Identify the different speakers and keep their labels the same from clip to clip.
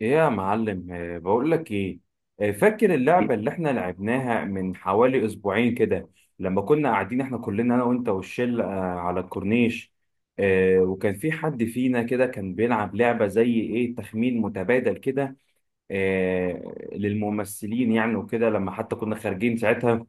Speaker 1: ايه يا معلم، بقول لك ايه. فاكر
Speaker 2: مم.
Speaker 1: اللعبة اللي احنا لعبناها من حوالي اسبوعين كده. لما كنا قاعدين احنا كلنا انا وانت والشله، على الكورنيش. وكان في حد فينا كده كان بيلعب لعبة زي ايه، تخمين متبادل كده، للممثلين يعني. وكده لما حتى كنا خارجين ساعتها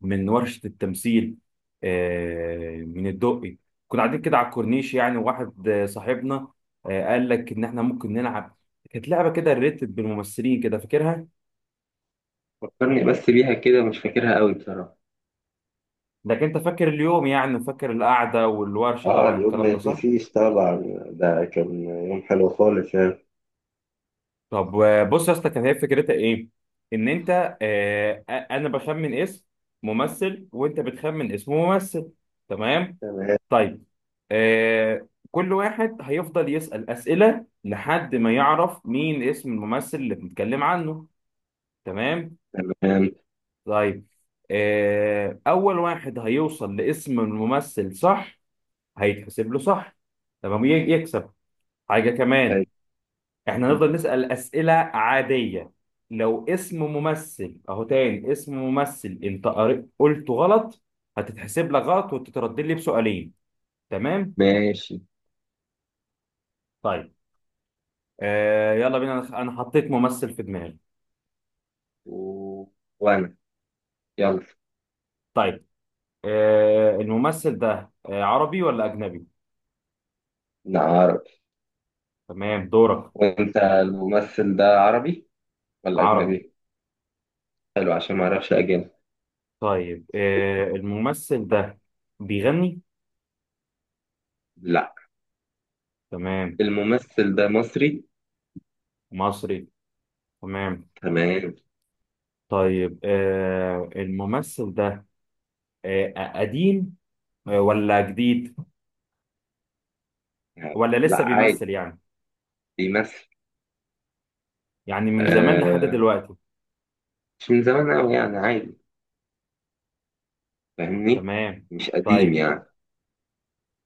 Speaker 1: من ورشة التمثيل، من الدقي، كنا قاعدين كده على الكورنيش يعني. وواحد صاحبنا قال لك إن إحنا ممكن نلعب. كانت لعبة كده ريتد بالممثلين كده، فاكرها؟
Speaker 2: فكرني بس بيها كده، مش فاكرها قوي بصراحة.
Speaker 1: لكن أنت فاكر اليوم يعني، فاكر القعدة والورشة،
Speaker 2: اه،
Speaker 1: طبعا
Speaker 2: اليوم ما
Speaker 1: الكلام ده صح؟
Speaker 2: يتنسيش طبعا. ده كان يوم حلو خالص يعني.
Speaker 1: طب، بص يا اسطى، كانت هي فكرتها إيه؟ إن أنت أنا بخمن اسم ممثل، وأنت بتخمن اسم ممثل. تمام؟
Speaker 2: تمام.
Speaker 1: طيب، كل واحد هيفضل يسأل أسئلة لحد ما يعرف مين اسم الممثل اللي بنتكلم عنه. تمام؟
Speaker 2: تمام.
Speaker 1: طيب، أول واحد هيوصل لاسم الممثل، صح؟ هيتحسب له، صح؟ تمام، يكسب حاجة كمان.
Speaker 2: طيب،
Speaker 1: احنا هنفضل نسأل أسئلة عادية. لو اسم ممثل أهو، تاني اسم ممثل أنت قلته غلط، هتتحسب لك غلط وتتردد لي بسؤالين. تمام؟
Speaker 2: ماشي.
Speaker 1: طيب، يلا بينا. أنا حطيت ممثل في دماغي.
Speaker 2: و... وأنا يلا.
Speaker 1: طيب، الممثل ده عربي ولا اجنبي؟
Speaker 2: نعرف.
Speaker 1: تمام، دورك.
Speaker 2: وأنت الممثل ده عربي ولا
Speaker 1: عربي.
Speaker 2: أجنبي؟ حلو، عشان ما أعرفش أجنبي.
Speaker 1: طيب، الممثل ده بيغني؟
Speaker 2: لا،
Speaker 1: تمام.
Speaker 2: الممثل ده مصري.
Speaker 1: مصري. تمام.
Speaker 2: تمام.
Speaker 1: طيب، الممثل ده قديم ولا جديد؟
Speaker 2: يعني
Speaker 1: ولا
Speaker 2: لا،
Speaker 1: لسه
Speaker 2: عادي
Speaker 1: بيمثل يعني؟
Speaker 2: بيمثل.
Speaker 1: يعني من زمان لحد
Speaker 2: آه،
Speaker 1: دلوقتي؟
Speaker 2: مش من زمان أوي يعني، عادي فاهمني.
Speaker 1: تمام.
Speaker 2: مش قديم
Speaker 1: طيب.
Speaker 2: يعني.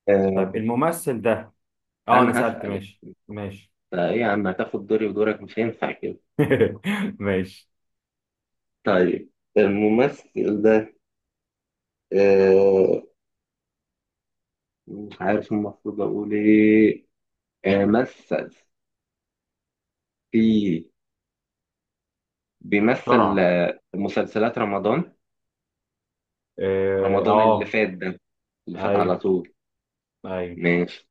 Speaker 2: آه.
Speaker 1: طيب، الممثل ده. اه، انا
Speaker 2: أنا
Speaker 1: سألت.
Speaker 2: هسأل،
Speaker 1: ماشي، ماشي.
Speaker 2: فايه يا عم هتاخد دوري ودورك، مش هينفع كده.
Speaker 1: ماشي.
Speaker 2: طيب، الممثل ده آه مش عارف المفروض اقول ايه. آه مثل في بيمثل
Speaker 1: بسرعة.
Speaker 2: مسلسلات رمضان.
Speaker 1: اه.
Speaker 2: رمضان اللي فات ده، اللي فات على
Speaker 1: ايوه،
Speaker 2: طول.
Speaker 1: ايوه.
Speaker 2: ماشي.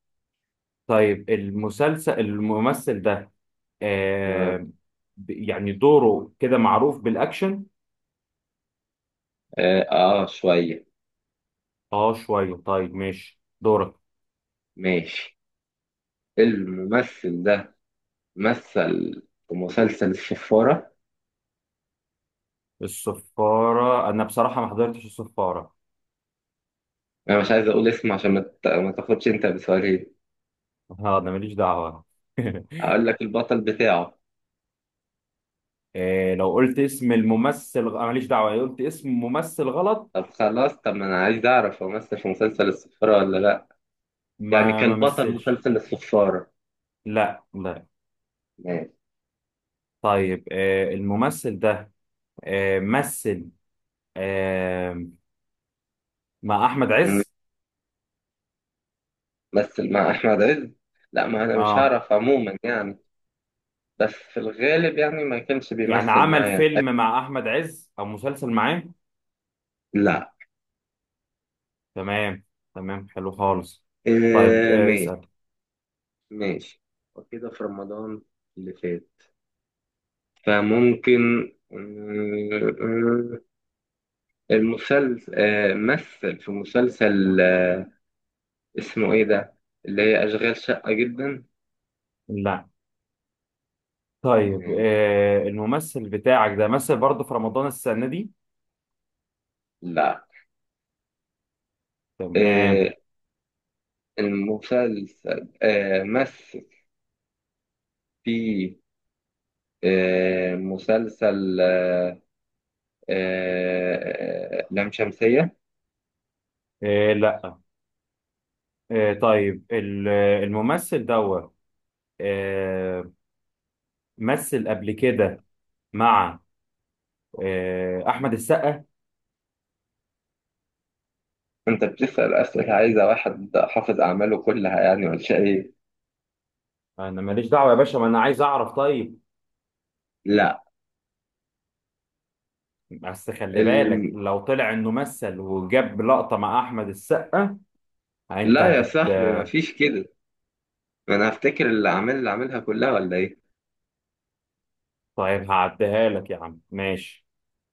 Speaker 1: طيب، المسلسل، الممثل ده
Speaker 2: اه،
Speaker 1: آه يعني دوره كده معروف بالاكشن؟
Speaker 2: آه، آه، شوية.
Speaker 1: اه، شويه. طيب، ماشي، دورك.
Speaker 2: ماشي. الممثل ده مثل في مسلسل الشفارة.
Speaker 1: الصفارة، انا بصراحة ما حضرتش الصفارة.
Speaker 2: انا مش عايز اقول اسمه، عشان ما تاخدش انت بسؤالين.
Speaker 1: اه، انا ماليش دعوة.
Speaker 2: هقول لك البطل بتاعه.
Speaker 1: لو قلت اسم الممثل أنا ماليش دعوة لو قلت اسم ممثل غلط.
Speaker 2: طب خلاص، طب ما انا عايز اعرف هو مثل في مسلسل الصفارة ولا لا. يعني
Speaker 1: ما
Speaker 2: كان بطل
Speaker 1: مثلش.
Speaker 2: مسلسل الصفارة؟
Speaker 1: لا، لا.
Speaker 2: ماشي.
Speaker 1: طيب، الممثل ده مثل آه مع احمد
Speaker 2: مم.
Speaker 1: عز.
Speaker 2: مثل مع احمد عز. لا، ما انا مش
Speaker 1: اه.
Speaker 2: هعرف عموما يعني. بس في الغالب يعني ما كانش
Speaker 1: يعني
Speaker 2: بيمثل
Speaker 1: عمل
Speaker 2: معايا.
Speaker 1: فيلم مع احمد عز او مسلسل معاه؟
Speaker 2: لا.
Speaker 1: تمام. تمام، حلو خالص. طيب،
Speaker 2: إيه، ماشي.
Speaker 1: اسأل.
Speaker 2: ماشي، وكده في رمضان اللي فات، فممكن المسلسل مثل في مسلسل اسمه ايه ده، اللي هي اشغال شقة جدا.
Speaker 1: لا. طيب،
Speaker 2: ماشي.
Speaker 1: الممثل بتاعك ده مثل برضه في رمضان السنة دي؟
Speaker 2: لا. آه،
Speaker 1: تمام.
Speaker 2: المسلسل مثل في مسلسل لام شمسية.
Speaker 1: لا. طيب، الممثل دوت آه مثل قبل كده مع احمد السقا؟
Speaker 2: أنت بتسأل أسئلة عايزة واحد حافظ أعماله كلها يعني ولا إيه؟
Speaker 1: انا ماليش دعوة يا باشا، ما انا عايز اعرف. طيب.
Speaker 2: لا.
Speaker 1: بس خلي بالك
Speaker 2: الم...
Speaker 1: لو طلع انه مثل وجاب لقطة مع احمد السقا، يعني انت
Speaker 2: لا يا صاحبي، ما فيش كده. ما أنا هفتكر الأعمال اللي عاملها كلها ولا إيه؟
Speaker 1: طيب، هعديها لك يا عم. ماشي.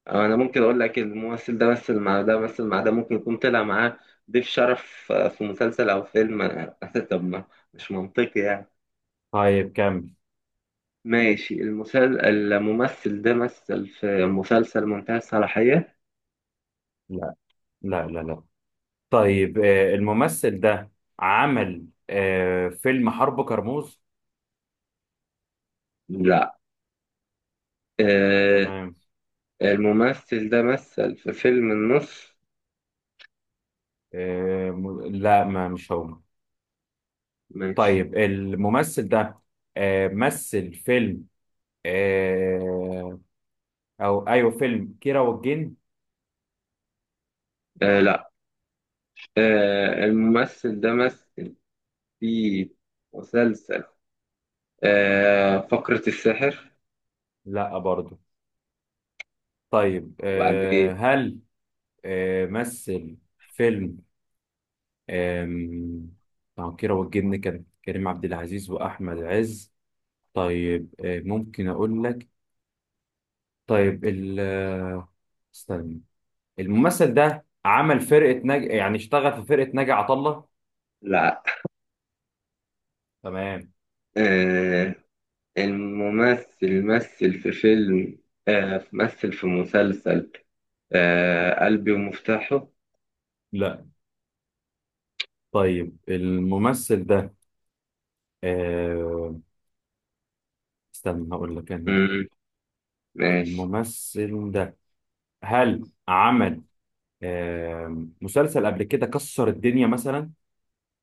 Speaker 2: أو أنا ممكن أقول لك الممثل ده مثل مع ده، مثل مع ده، ممكن يكون طلع معاه ضيف شرف في مسلسل أو فيلم طب ما مش منطقي يعني.
Speaker 1: طيب، كمل.
Speaker 2: ماشي، الممثل ده مثل في مسلسل منتهى الصلاحية؟
Speaker 1: لا، لا، لا، لا. طيب، الممثل ده عمل فيلم حرب كرموز؟
Speaker 2: لا. آه،
Speaker 1: تمام.
Speaker 2: الممثل ده مثل في فيلم النص؟
Speaker 1: لا، ما مش هو.
Speaker 2: ماشي.
Speaker 1: طيب، الممثل ده مثل فيلم، آه، او ايوه، فيلم كيرة والجن؟
Speaker 2: آه، لا. آه، الممثل ده مثل في مسلسل فقرة السحر.
Speaker 1: لا برضه. طيب،
Speaker 2: وبعدين
Speaker 1: هل مثل فيلم، آم، العكيرة والجن كان كريم عبد العزيز وأحمد عز. طيب، ممكن أقول لك. طيب، ال آه، استنى. الممثل ده عمل فرقة يعني اشتغل في فرقة ناجي عطا الله؟
Speaker 2: لا.
Speaker 1: تمام.
Speaker 2: آه، الممثل مثل في فيلم آه مثل في مسلسل قلبي ومفتاحه.
Speaker 1: لا. طيب، الممثل ده آه، استنى، هقول لك أنا.
Speaker 2: مم، ماشي.
Speaker 1: الممثل ده هل عمل مسلسل قبل كده كسر الدنيا مثلا؟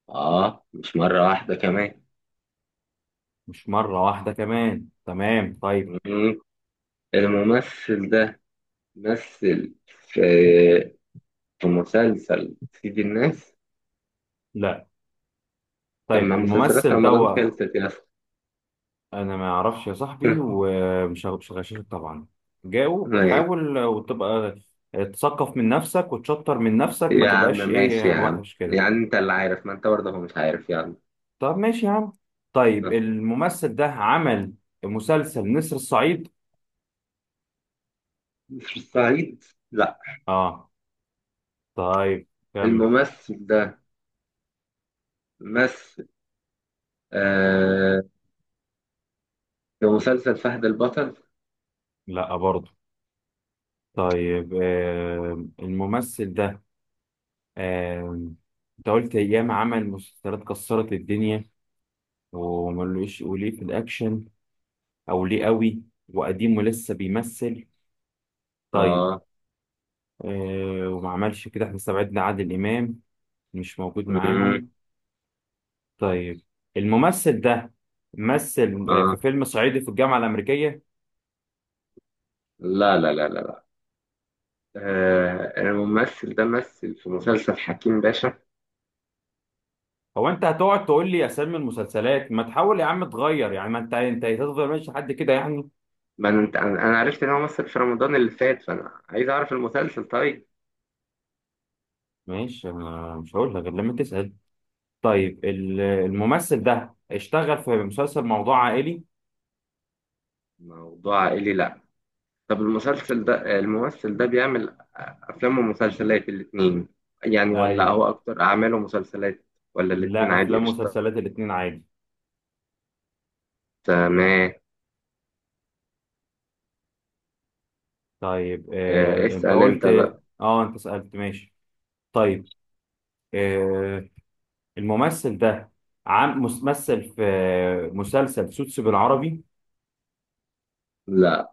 Speaker 2: آه، مش مرة واحدة كمان.
Speaker 1: مش مرة واحدة كمان؟ تمام، طيب.
Speaker 2: مم. الممثل ده مثل في مسلسل سيد الناس.
Speaker 1: لا.
Speaker 2: طب
Speaker 1: طيب،
Speaker 2: ما مسلسلات
Speaker 1: الممثل ده
Speaker 2: رمضان خلصت يا اسطى.
Speaker 1: انا ما اعرفش يا صاحبي، ومش هغ- مش هغششك طبعا. جاوب،
Speaker 2: ماشي.
Speaker 1: حاول وتبقى تثقف من نفسك وتشطر من نفسك، ما
Speaker 2: يا عم
Speaker 1: تبقاش
Speaker 2: ماشي
Speaker 1: ايه
Speaker 2: يا عم،
Speaker 1: وحش كده.
Speaker 2: يعني انت اللي عارف، ما انت برضه هو مش عارف يعني.
Speaker 1: طب، ماشي يا عم. طيب،
Speaker 2: آه.
Speaker 1: الممثل ده عمل مسلسل نسر الصعيد؟
Speaker 2: مش في الصعيد. لا.
Speaker 1: اه. طيب، كمل.
Speaker 2: الممثل ده مثل آه في مسلسل فهد البطل.
Speaker 1: لا برضه. طيب، الممثل ده آه انت قلت ايام عمل مسلسلات كسرت الدنيا، وملوش وليه في الاكشن، او ليه قوي، وقديم ولسه بيمثل. طيب،
Speaker 2: اه.
Speaker 1: وما عملش كده، احنا استبعدنا عادل امام. مش موجود
Speaker 2: مم.
Speaker 1: معاهم. طيب، الممثل ده مثل في
Speaker 2: اه،
Speaker 1: فيلم صعيدي في الجامعه الامريكيه؟
Speaker 2: لا، لا، لا، لا، لا. آه، الممثل ده مثل في مسلسل حكيم باشا.
Speaker 1: هو انت هتقعد تقول لي اسامي المسلسلات؟ ما تحاول يا عم تغير يعني؟ ما انت هتفضل ماشي لحد كده يعني.
Speaker 2: ما انا انت انا أنا عرفت ان هو مثل في رمضان اللي فات، فانا عايز اعرف المسلسل. طيب،
Speaker 1: ماشي، انا مش هقول لك غير لما تسال. طيب، الممثل ده اشتغل في مسلسل موضوع عائلي؟
Speaker 2: موضوع عائلي لا. طب المسلسل ده آه، الممثل ده بيعمل افلام ومسلسلات الاتنين يعني، ولا
Speaker 1: ايوه.
Speaker 2: هو اكتر اعماله مسلسلات، ولا الاتنين
Speaker 1: لا،
Speaker 2: عادي
Speaker 1: افلام
Speaker 2: قشطة.
Speaker 1: ومسلسلات الاتنين عادي.
Speaker 2: تمام.
Speaker 1: طيب، انت
Speaker 2: اسأل
Speaker 1: قلت.
Speaker 2: انت بقى.
Speaker 1: اه، انت سألت. ماشي. طيب، آه، الممثل ده ممثل في مسلسل سوتس بالعربي؟
Speaker 2: لا،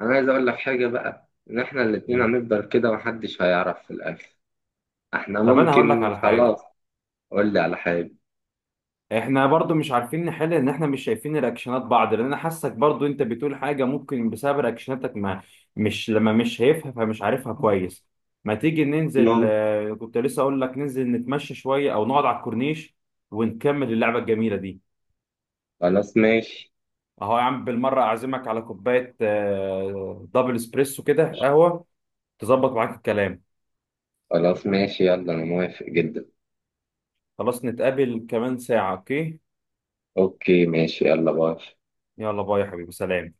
Speaker 2: انا عايز اقول لك حاجة بقى، ان احنا الاتنين
Speaker 1: إيه.
Speaker 2: هنفضل كده محدش هيعرف في الاخر. احنا
Speaker 1: طب، انا هقول لك
Speaker 2: ممكن
Speaker 1: على حاجه.
Speaker 2: خلاص. قول لي على حاجة.
Speaker 1: احنا برضو مش عارفين نحل، ان احنا مش شايفين رياكشنات بعض، لان انا حاسك برضو انت بتقول حاجه ممكن بسبب رياكشناتك، ما مش لما مش شايفها فمش عارفها كويس. ما تيجي ننزل، كنت لسه اقول لك ننزل نتمشى شويه او نقعد على الكورنيش، ونكمل اللعبه الجميله دي.
Speaker 2: خلاص ماشي.
Speaker 1: اهو يا عم، بالمره اعزمك على كوبايه دبل اسبريسو كده، قهوه. تظبط معاك الكلام؟
Speaker 2: خلاص ماشي يلا، أنا موافق جدا.
Speaker 1: خلاص، نتقابل كمان ساعه، اوكي.
Speaker 2: أوكي ماشي، يلا باي.
Speaker 1: يلا باي يا حبيبي، سلام.